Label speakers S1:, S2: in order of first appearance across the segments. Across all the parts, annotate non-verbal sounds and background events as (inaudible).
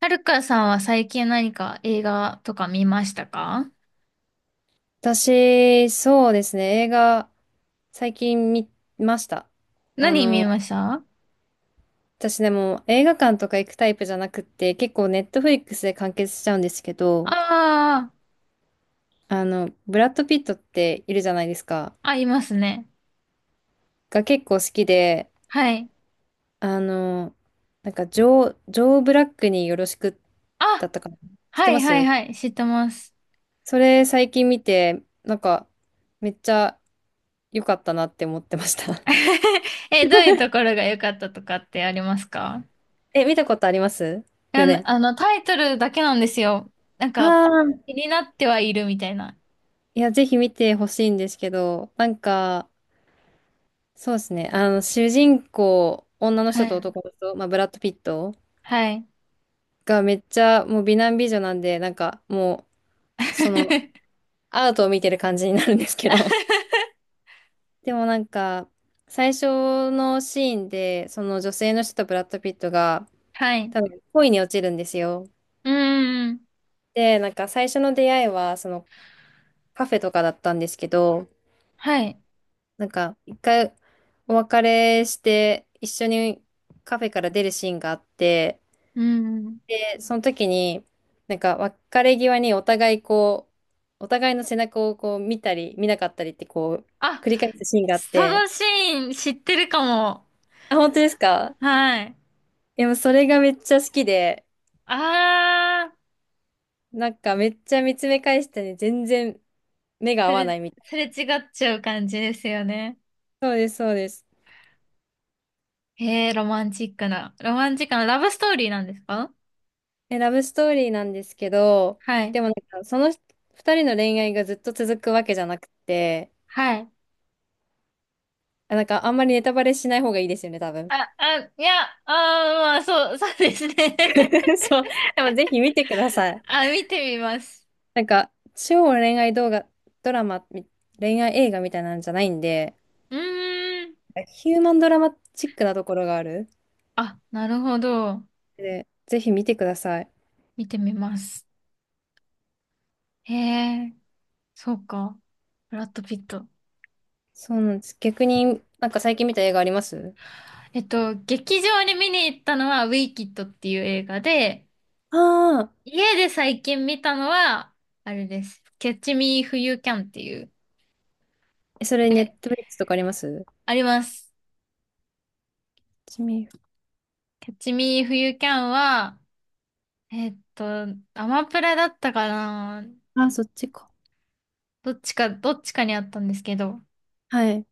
S1: はるかさんは最近何か映画とか見ましたか？
S2: 私、そうですね、映画、最近見ました。あ
S1: 何見
S2: の、
S1: ましたあ？
S2: 私でも映画館とか行くタイプじゃなくって、結構ネットフリックスで完結しちゃうんですけど、
S1: あー、
S2: ブラッド・ピットっているじゃないですか。
S1: あ、いますね。
S2: が結構好きで、
S1: はい。
S2: あの、ジョー・ブラックによろしくだ
S1: あ、
S2: ったかな。知って
S1: はい
S2: ま
S1: はい
S2: す
S1: はい、知ってます。
S2: それ最近見て、めっちゃ良かったなって思ってました。
S1: (laughs) え、どういうところが良かったとかってありますか？
S2: (laughs) え、見たことあります
S1: あ
S2: よ
S1: の、
S2: ね。
S1: あの、タイトルだけなんですよ。なん
S2: あ
S1: か、
S2: あ。
S1: 気になってはいるみたいな。
S2: いや、ぜひ見てほしいんですけど、そうですね、主人公、女の
S1: は
S2: 人と
S1: い。
S2: 男の人、まあ、ブラッド・ピット
S1: はい。
S2: がめっちゃもう美男美女なんで、なんかもう、その、
S1: (laughs)
S2: アートを見てる感じになるんですけど、(laughs) でも最初のシーンで、その女性の人とブラッド・ピットが、
S1: はい。う
S2: 多分恋に落ちるんですよ。
S1: ーん。
S2: で、なんか最初の出会いは、カフェとかだったんですけど、
S1: はい。
S2: なんか、一回お別れして、一緒にカフェから出るシーンがあって、
S1: うーん。
S2: で、その時に、別れ際にお互いの背中をこう見たり、見なかったりってこう、
S1: あ、
S2: 繰り返すシーンがあっ
S1: そ
S2: て、
S1: のシーン知ってるかも。
S2: あ、本当ですか
S1: はい。
S2: でもそれがめっちゃ好きで、
S1: ああ、
S2: なんかめっちゃ見つめ返してね、全然目が合
S1: す
S2: わ
S1: れ、
S2: ないみた
S1: す
S2: い
S1: れ違っちゃう感じですよね。
S2: な。そうです、そうです。
S1: へえ、ロマンチックな。ロマンチックなラブストーリーなんですか？
S2: え、ラブストーリーなんですけど、
S1: はい。
S2: でもか、その二人の恋愛がずっと続くわけじゃなくて、
S1: はい。
S2: なんかあんまりネタバレしない方がいいですよね、多分。
S1: あ、あ、いや、ああ、いやあ、まあ、そう、(laughs) そうですね。
S2: (laughs) そう。でもぜひ見てくだ
S1: (laughs)
S2: さい。
S1: あ、見てみます。
S2: なんか、超恋愛動画、ドラマ、み恋愛映画みたいなんじゃないんで、
S1: うーん。
S2: ヒューマンドラマチックなところがある。
S1: あ、なるほど。
S2: で、ぜひ見てください。
S1: 見てみます。へえ、そうか。ブラッド・ピット。
S2: そうなんです。逆に、なんか最近見た映画あります
S1: えっと、劇場に見に行ったのは、ウィキッドっていう映画で、
S2: ああ
S1: 家で最近見たのは、あれです。キャッチミーフユーキャンっていう。
S2: ー、えそれネッ
S1: で、
S2: トフリックスとかあります
S1: あります。
S2: ちみ、
S1: キャッチミーフユーキャンは、えーっと、アマプラだったかな。
S2: あ、そっちか。
S1: どっちか、どっちかにあったんですけど、
S2: はい。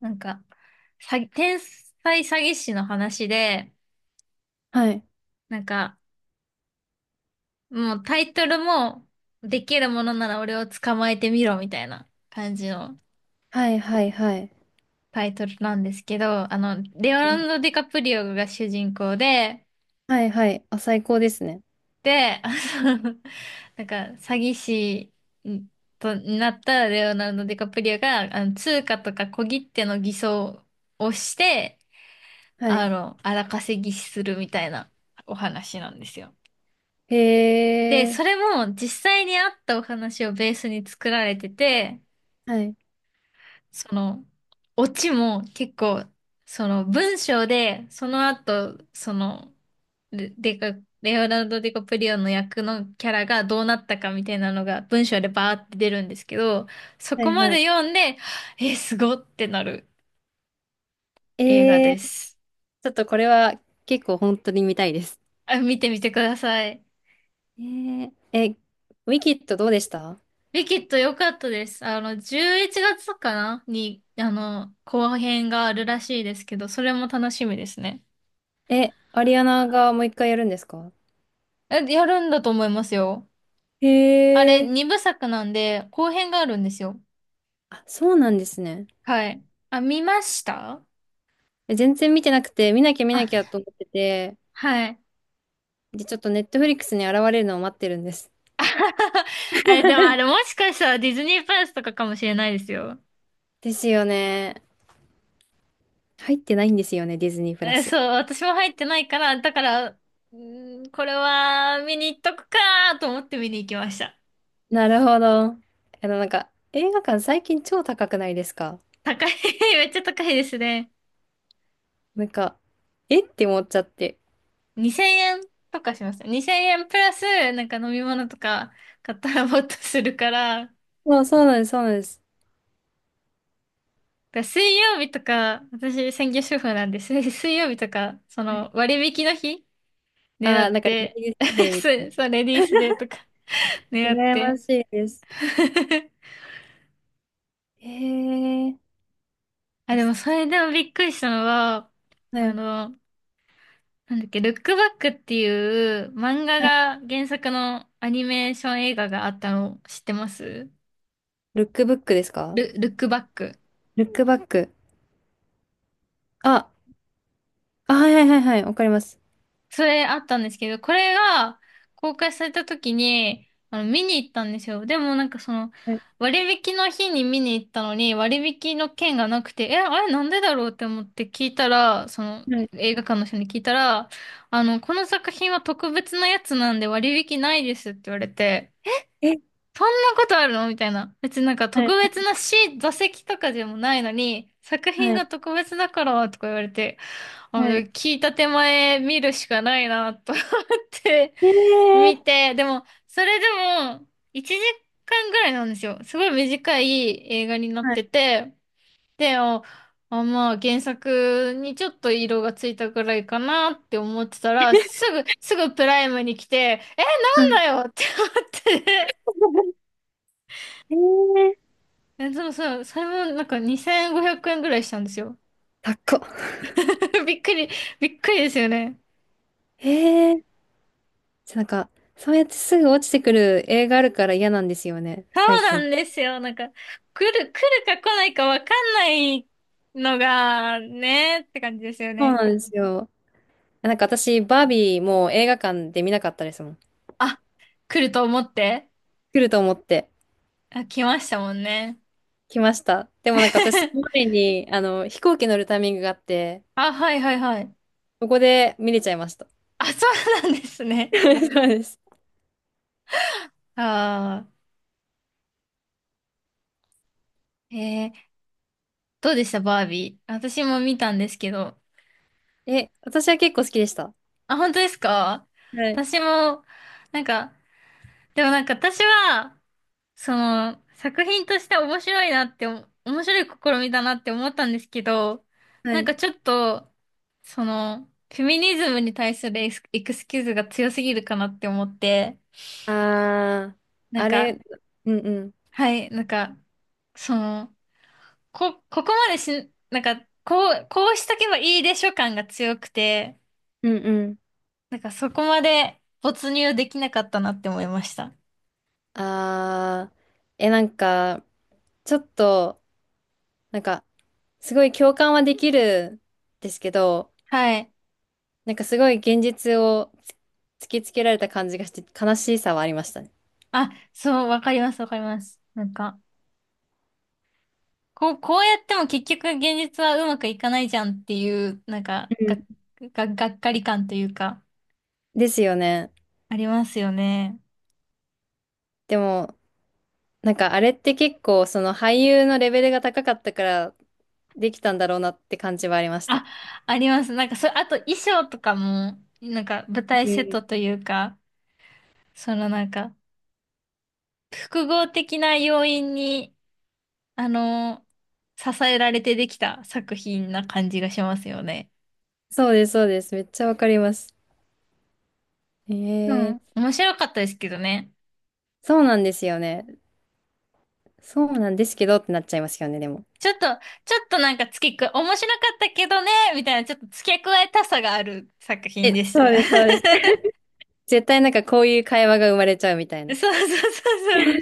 S1: なんか、詐欺、天才詐欺師の話で、
S2: はい。
S1: なんか、もうタイトルも、できるものなら俺を捕まえてみろみたいな感じの
S2: はい、はい、はい。
S1: タイトルなんですけど、あの、レオナルド・ディカプリオが主人公で、
S2: はい、はい。あ、最高ですね。
S1: で、あの、 (laughs) なんか詐欺師んとになったレオナルド・ディカプリオが、あの、通貨とか小切手の偽装をして、
S2: は
S1: あ
S2: い。
S1: の、荒稼ぎするみたいなお話なんですよ。
S2: へ
S1: で、
S2: え。
S1: それも実際にあったお話をベースに作られてて、
S2: はい。
S1: その、オチも結構、その文章で、その後、その、レデカ、レオナルド・ディカプリオの役のキャラがどうなったかみたいなのが文章でバーって出るんですけど、そ
S2: は
S1: こ
S2: い、
S1: ま
S2: はい。
S1: で読んで、え、すごってなる映画
S2: えー、
S1: です。
S2: ちょっとこれは結構本当に見たいです。
S1: あ、見てみてください。
S2: えー、え、ウィキッドどうでした
S1: ウィキッド良かったです。あの、11月かなに、あの、後編があるらしいですけど、それも楽しみですね。
S2: え、アリアナがもう一回やるんですか
S1: え、やるんだと思いますよ。
S2: へ
S1: あれ、
S2: え。
S1: 二部作なんで、後編があるんですよ。
S2: あ、そうなんですね。
S1: はい。あ、見ました？
S2: え全然見てなくて、見なきゃ見な
S1: あ、
S2: きゃと思ってて、
S1: はい。
S2: で、ちょっとネットフリックスに現れるのを待ってるんです。
S1: (laughs) あれ、でもあれ、もしかしたらディズニープラスとかかもしれないですよ。
S2: ですよね。入ってないんですよね、ディズニープラ
S1: え、
S2: ス。
S1: そう、私も入ってないから、だから、うーん、これは見に行っとくかーと思って見に行きました。
S2: なるほど。映画館最近超高くないですか
S1: 高い、(laughs) めっちゃ高いですね。
S2: なんか、えって思っちゃって。
S1: 2000円とかしました。2000円プラス、なんか飲み物とか買ったらもっとするから、
S2: そうなんです、そうなんです。
S1: だから水曜日とか、私専業主婦なんです、(laughs) 水曜日とか、その割引の日狙
S2: ああ、
S1: っ
S2: なんかレ
S1: て、
S2: ディー
S1: (laughs)
S2: スデーみたい
S1: そ
S2: な。
S1: うそう、レディースデーとか狙っ
S2: 羨ま
S1: て。
S2: しいです。
S1: (laughs)
S2: へえ。
S1: あ、
S2: あ、
S1: でも
S2: す
S1: それでもびっくりしたのは、
S2: は
S1: あ
S2: い。
S1: の、なんだっけ、ルックバックっていう漫画
S2: はい
S1: が原作のアニメーション映画があったの知ってます？
S2: ルックブックですか
S1: ル、ルックバック。
S2: ルックバック。あ、あ、はいはいはいはい。わかります。
S1: それあったんですけど、これが公開された時に、あの、見に行ったんですよ。でもなんかその、
S2: はい。
S1: 割引の日に見に行ったのに、割引の券がなくて、え、あれなんでだろうって思って聞いたら、その、
S2: はい。
S1: 映画館の人に聞いたら、あの、この作品は特別なやつなんで割引ないですって言われて、
S2: え、
S1: そんなことあるのみたいな。別になんか
S2: は
S1: 特
S2: い。
S1: 別なシー、座席とかでもないのに、作品
S2: は
S1: が
S2: い。
S1: 特別だからとか言われて、あ、
S2: はい。
S1: 聞いた手前見るしかないなと、って
S2: へえ
S1: 見
S2: ー。
S1: て、でも、それでも、1時間ぐらいなんですよ。すごい短い映画になっ
S2: はい。
S1: てて、で、あ、あ、まあ、原作にちょっと色がついたぐらいかなって思ってたら、すぐ、すぐプライムに来て、え、
S2: はい
S1: なんだよって思って。
S2: へえー。
S1: (laughs) え、でもさ、それもなんか2500円ぐらいしたんですよ。
S2: 高っこ。
S1: (laughs) びっくり、びっくりですよね。
S2: へえー。なんか、そうやってすぐ落ちてくる映画あるから嫌なんですよね、
S1: そ
S2: 最
S1: うな
S2: 近。
S1: んですよ。なんか、来る、来るか来ないかわかんないのが、ね、って感じですよ
S2: そう
S1: ね。
S2: なんですよ。なんか私、バービーもう映画館で見なかったですもん。
S1: あ、来ると思って。
S2: 来ると思って。
S1: あ、来ましたもんね。
S2: 来ました。でもなんか私、その
S1: (laughs)
S2: 前に、飛行機乗るタイミングがあって、
S1: あ、はいはいはい。
S2: そこで見れちゃいました。
S1: あ、そうなんです
S2: (laughs)
S1: ね。
S2: そうです。
S1: ああ、えー、どうでしたバービー。私も見たんですけど。
S2: え、私は結構好きでした。
S1: あ、本当ですか？
S2: はい。
S1: 私も、なんか、でもなんか私は、その、作品として面白いなってお、面白い試みだなって思ったんですけど、
S2: は
S1: なん
S2: い。
S1: かちょっと、その、フェミニズムに対するエスエクスキューズが強すぎるかなって思って、
S2: あー、
S1: なん
S2: あ
S1: か、
S2: れ、うんうん。
S1: はい、なんか、その、こ、ここまでし、なんか、こう、こうしとけばいいでしょ感が強くて、
S2: うんうん。
S1: なんかそこまで没入できなかったなって思いました。
S2: あー、え、なんか、ちょっと、なんか、すごい共感はできるんですけど、
S1: はい。
S2: なんかすごい現実を突きつけられた感じがして、悲しさはありましたね。
S1: あ、そう、わかります、わかります。なんか、こう、こうやっても結局現実はうまくいかないじゃんっていう、なんか、
S2: う
S1: が、
S2: ん。
S1: が、がっかり感というか、
S2: ですよね。
S1: ありますよね。
S2: でも、なんかあれって結構その俳優のレベルが高かったからできたんだろうなって感じはありまし
S1: あ、
S2: た。
S1: あります。なんか、そ、あと衣装とかも、なんか舞台
S2: う
S1: セッ
S2: ん
S1: トというか、そのなんか、複合的な要因に、あの、支えられてできた作品な感じがしますよね。
S2: そうです、そうです。めっちゃわかります。
S1: う
S2: え
S1: ん。
S2: え
S1: 面白かったですけどね。
S2: そうなんですよね。そうなんですけどってなっちゃいますよね、でも。
S1: ちょっと、ちょっとなんか付け加、面白かったけどね、みたいな、ちょっと付け加えたさがある作品
S2: え、
S1: でし
S2: そ
S1: た。
S2: うです、そう
S1: (laughs)
S2: です。絶対なんかこういう会話が生まれちゃうみたい
S1: そう
S2: な。
S1: そうそうそう。わ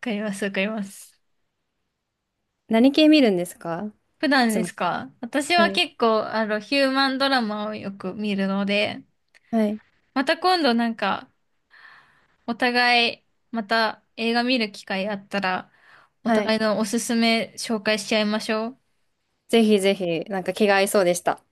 S1: かります、わかります。
S2: 何系見るんですか
S1: 普
S2: い
S1: 段
S2: つ
S1: で
S2: も。
S1: すか？私
S2: は
S1: は
S2: い。
S1: 結構、あの、ヒューマンドラマをよく見るので、
S2: はい。
S1: また今度なんか、お互い、また映画見る機会あったら、お
S2: は
S1: 互い
S2: い。
S1: のおすすめ紹介しちゃいましょう。
S2: ぜひぜひ、なんか気が合いそうでした。